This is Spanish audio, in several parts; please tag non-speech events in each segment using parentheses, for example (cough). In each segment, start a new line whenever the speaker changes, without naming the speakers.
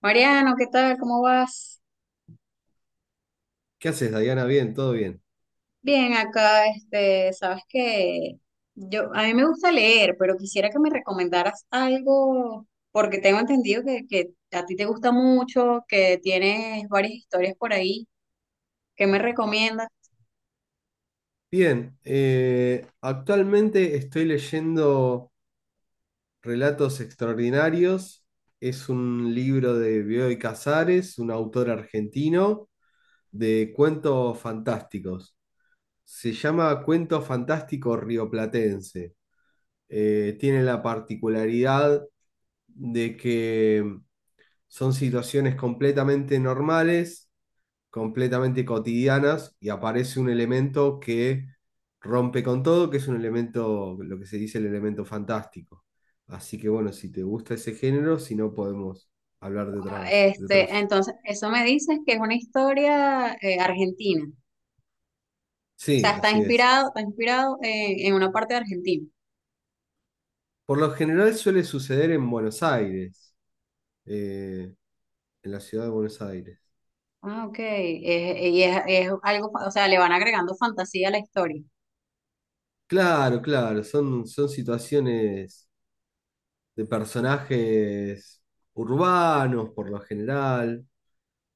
Mariano, ¿qué tal? ¿Cómo vas?
¿Qué haces, Dayana? Bien, todo bien.
Bien, acá, sabes que a mí me gusta leer, pero quisiera que me recomendaras algo, porque tengo entendido que a ti te gusta mucho, que tienes varias historias por ahí. ¿Qué me recomiendas?
Bien, actualmente estoy leyendo Relatos Extraordinarios. Es un libro de Bioy Casares, un autor argentino, de cuentos fantásticos. Se llama Cuento Fantástico Rioplatense. Tiene la particularidad de que son situaciones completamente normales, completamente cotidianas, y aparece un elemento que rompe con todo, que es un elemento, lo que se dice el elemento fantástico. Así que bueno, si te gusta ese género, si no podemos hablar de otras, de otros.
Entonces, eso me dices que es una historia argentina. O sea,
Sí, así es.
está inspirado en una parte de Argentina.
Por lo general suele suceder en Buenos Aires, eh, en la ciudad de Buenos Aires.
Ah, ok. Y es algo, o sea, le van agregando fantasía a la historia.
Claro, claro, son situaciones de personajes urbanos por lo general,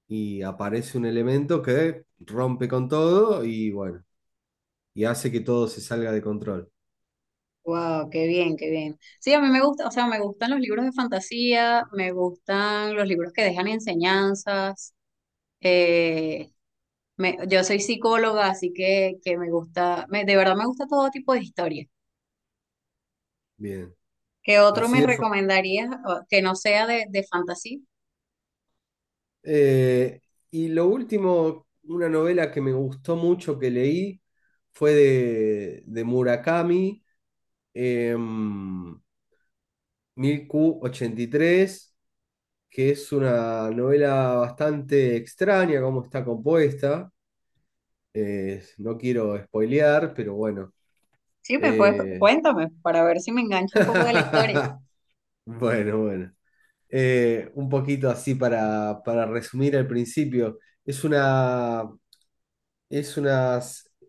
y aparece un elemento que rompe con todo y bueno, y hace que todo se salga de control.
Wow, qué bien, qué bien. Sí, a mí me gusta, o sea, me gustan los libros de fantasía, me gustan los libros que dejan enseñanzas. eh, yo soy psicóloga, así que me gusta, de verdad me gusta todo tipo de historia.
Bien,
¿Qué otro
así
me
de... fa-
recomendarías o, que no sea de fantasía?
Eh, y lo último, una novela que me gustó mucho que leí fue de Murakami, em, 1000 q ochenta y tres, que es una novela bastante extraña cómo está compuesta. No quiero spoilear, pero bueno.
Sí, me puedes,
eh,
cuéntame para ver si me engancho un poco de la historia.
(laughs) bueno. Un poquito así para resumir al principio. Es una, es una,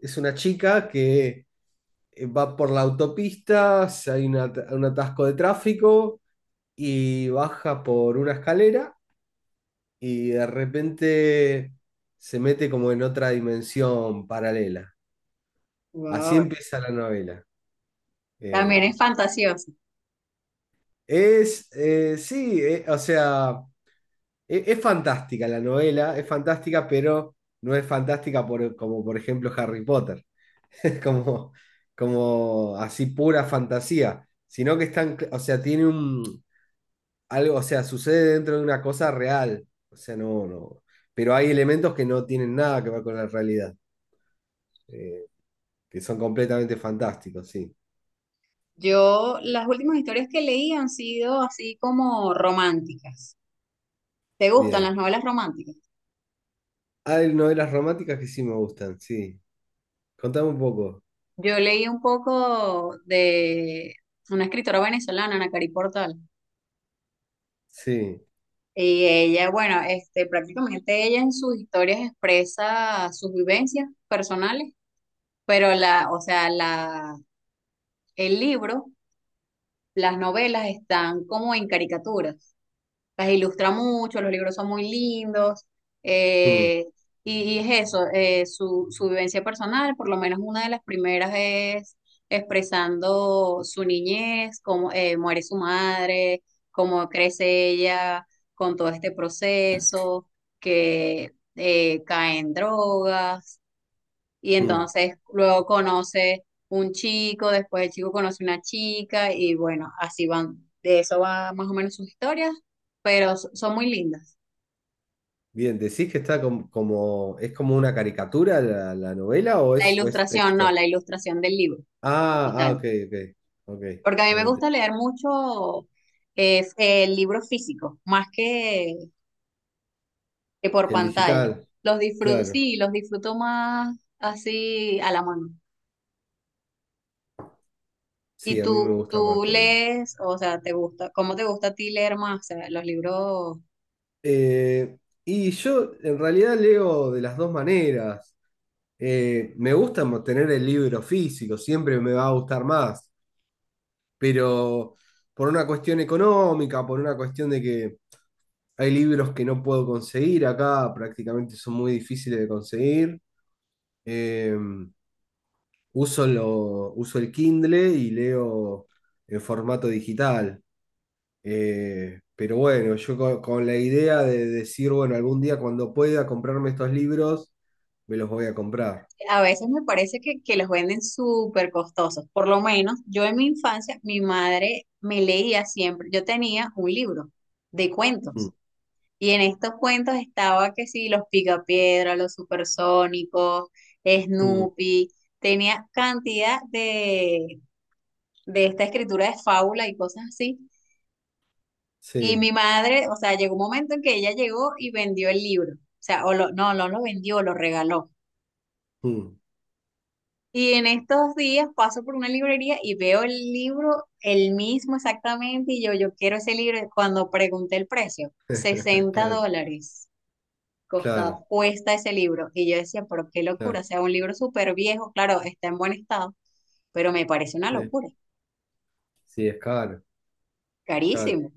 es una chica que va por la autopista, si hay un atasco de tráfico y baja por una escalera y de repente se mete como en otra dimensión paralela. Así
Wow,
empieza la novela.
también es
Eh,
fantasioso.
sí, o sea... es fantástica la novela, es fantástica, pero no es fantástica por, como por ejemplo Harry Potter. (laughs) Es como, como así pura fantasía, sino que están, o sea, tiene un algo, o sea, sucede dentro de una cosa real, o sea, no, no, pero hay elementos que no tienen nada que ver con la realidad, eh, que son completamente fantásticos, sí,
Yo, las últimas historias que leí han sido así como románticas. ¿Te gustan
bien.
las novelas románticas?
Ah, hay novelas románticas que sí me gustan, sí. Contame un poco,
Yo leí un poco de una escritora venezolana, Ana Cari Portal,
sí.
y ella, bueno, prácticamente ella en sus historias expresa sus vivencias personales, pero o sea, el libro, las novelas están como en caricatura. Las ilustra mucho, los libros son muy lindos,
Mm,
eh, y es eso, su vivencia personal. Por lo menos una de las primeras es expresando su niñez, cómo muere su madre, cómo crece ella con todo este proceso, que cae en drogas, y
mm.
entonces luego conoce un chico, después el chico conoce una chica y bueno, así van, de eso va más o menos sus historias, pero son muy lindas.
Bien, ¿decís que está como, es como una caricatura la, la novela
La
o es
ilustración, no,
texto?
la ilustración del libro
Ah,
como
ah,
tal,
ok, ok, ok.
porque a mí me
Eh,
gusta leer mucho el libro físico más que por
El
pantalla.
digital,
Los disfruto,
claro.
sí, los disfruto más así a la mano.
Sí,
¿Y
a mí me
tú,
gusta
tú
más también.
lees, o sea, te gusta, cómo te gusta a ti leer más, o sea, los libros?
Eh, y yo en realidad leo de las dos maneras. Me gusta tener el libro físico, siempre me va a gustar más, pero por una cuestión económica, por una cuestión de que hay libros que no puedo conseguir acá, prácticamente son muy difíciles de conseguir. Eh, uso el Kindle y leo en formato digital. Pero bueno, yo la idea de decir, bueno, algún día cuando pueda comprarme estos libros, me los voy a comprar.
A veces me parece que los venden súper costosos. Por lo menos yo en mi infancia, mi madre me leía siempre. Yo tenía un libro de
Mm,
cuentos y en estos cuentos estaba que sí, los Picapiedra, los Supersónicos,
mm,
Snoopy. Tenía cantidad de esta escritura de fábula y cosas así. Y
sí,
mi madre, o sea, llegó un momento en que ella llegó y vendió el libro. O sea, no, no lo vendió, lo regaló.
mm.
Y en estos días paso por una librería y veo el libro, el mismo exactamente, y yo quiero ese libro. Cuando pregunté el precio,
(laughs)
60
Claro,
dólares costa,
claro,
cuesta ese libro. Y yo decía, pero qué
claro.
locura, o sea, un libro súper viejo, claro, está en buen estado, pero me parece una
Sí,
locura,
sí, es caro, es caro.
carísimo.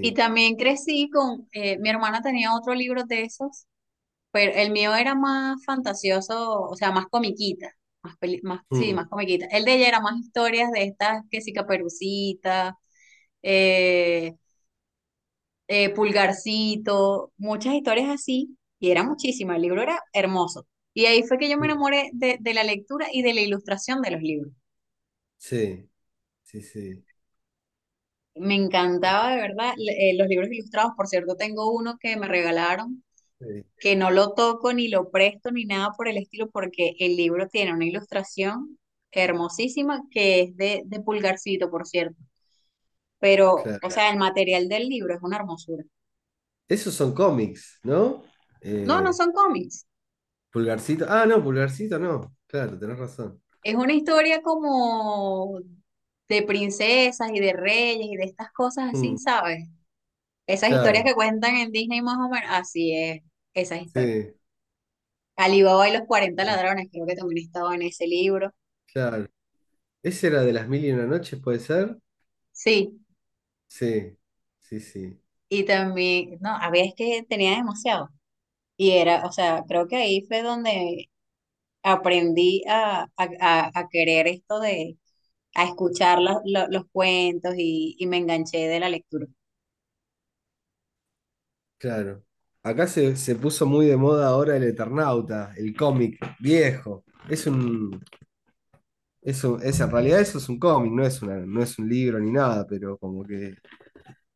Y también crecí con, mi hermana tenía otro libro de esos. Pero el mío era más fantasioso, o sea, más comiquita, más, más sí,
Mm,
más comiquita. El de ella era más historias de estas, que sí, Caperucita, eh, Pulgarcito, muchas historias así, y era muchísima, el libro era hermoso. Y ahí fue que yo me
mm.
enamoré de la lectura y de la ilustración de los libros.
Sí, sí, sí.
Me
Eh,
encantaba de verdad los libros ilustrados, por cierto, tengo uno que me regalaron
eh,
que no lo toco ni lo presto ni nada por el estilo, porque el libro tiene una ilustración hermosísima que es de Pulgarcito, por cierto. Pero, o
claro.
sea, el material del libro es una hermosura.
Esos son cómics, ¿no?
No, no
Eh,
son cómics.
Pulgarcito. Ah, no, pulgarcito no. Claro, tenés razón.
Es una historia como de princesas y de reyes y de estas cosas así,
Mm,
¿sabes? Esas historias
claro,
que cuentan en Disney más o menos, así es, esas historias.
sí,
Alibaba y los cuarenta
claro,
ladrones, creo que también estaba en ese libro.
claro. ¿Ese era de las mil y una noches, puede ser?
Sí,
Sí, sí, sí,
y también, no, había es que tenía demasiado. Y era, o sea, creo que ahí fue donde aprendí a, a querer esto de, a escuchar los cuentos y me enganché de la lectura.
claro. Acá se, se puso muy de moda ahora el Eternauta, el cómic viejo. Es un, en realidad eso es un cómic, no es una, no es un libro ni nada, pero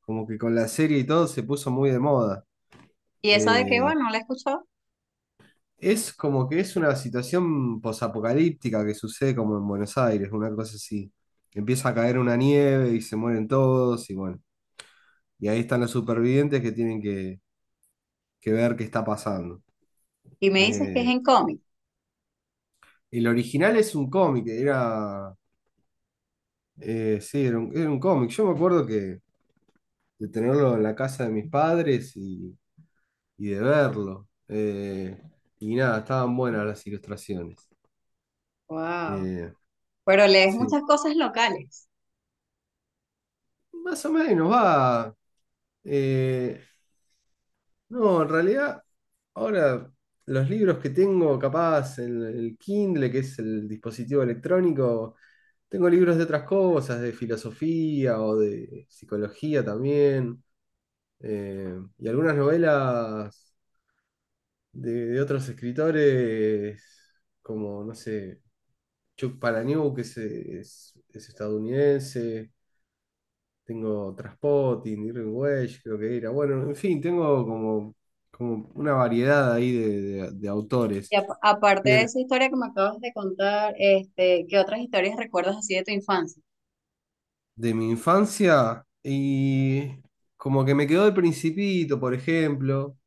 como que con la serie y todo se puso muy de moda.
Y esa de que,
Eh,
bueno, la he escuchado
Es como que es una situación posapocalíptica que sucede como en Buenos Aires, una cosa así. Empieza a caer una nieve y se mueren todos y bueno, y ahí están los supervivientes que tienen que ver qué está pasando.
y me dices que es
Eh,
en cómic.
el original es un cómic, era, sí, era un cómic. Yo me acuerdo que de tenerlo en la casa de mis padres y de verlo. Y nada, estaban buenas las ilustraciones.
Wow.
Eh,
Pero lees
sí,
muchas cosas locales.
más o menos va. eh, No, en realidad, ahora los libros que tengo, capaz, en el Kindle, que es el dispositivo electrónico, tengo libros de otras cosas, de filosofía o de psicología también, y algunas novelas de otros escritores, como, no sé, Chuck Palahniuk, que es, es estadounidense, tengo Trainspotting, Irving Welsh, creo que era. Bueno, en fin, tengo como, como una variedad ahí de, de autores.
Y aparte de
Bien,
esa historia que me acabas de contar, ¿qué otras historias recuerdas así de tu infancia?
de mi infancia y como que me quedó El Principito, por ejemplo.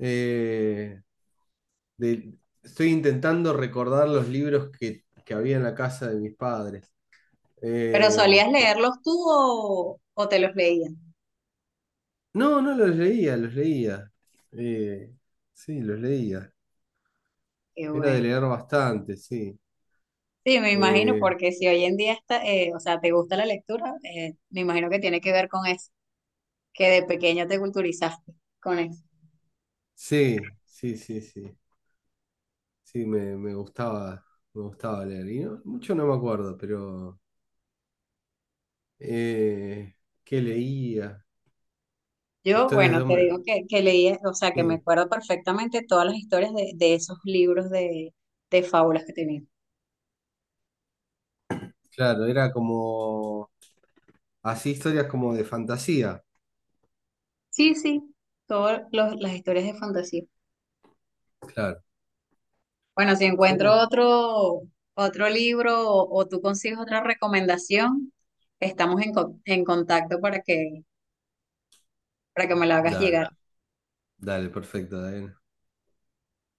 Eh, de- Estoy intentando recordar los libros que había en la casa de mis padres.
¿Pero
Eh,
solías
que-
leerlos tú o te los leían?
no, no los leía, los leía. Eh, sí, los leía.
Qué
Era de
bueno.
leer bastante, sí.
Sí, me imagino,
Eh,
porque si hoy en día está, o sea, te gusta la lectura, me imagino que tiene que ver con eso, que de pequeño te culturizaste con eso.
sí, sí, sí, sí. Sí, me, me gustaba leer. Mucho no me acuerdo, pero eh, ¿qué leía?
Yo,
Historias de
bueno, te
hombre.
digo que leí, o sea, que me
Sí,
acuerdo perfectamente todas las historias de esos libros de fábulas que tenía.
claro, era como así historias como de fantasía.
Sí, sí, las historias de fantasía.
Claro.
Bueno, si
Son
encuentro
como-
otro, otro libro o tú consigues otra recomendación, estamos en, en contacto para que me la hagas
Dale,
llegar.
dale, perfecto, David.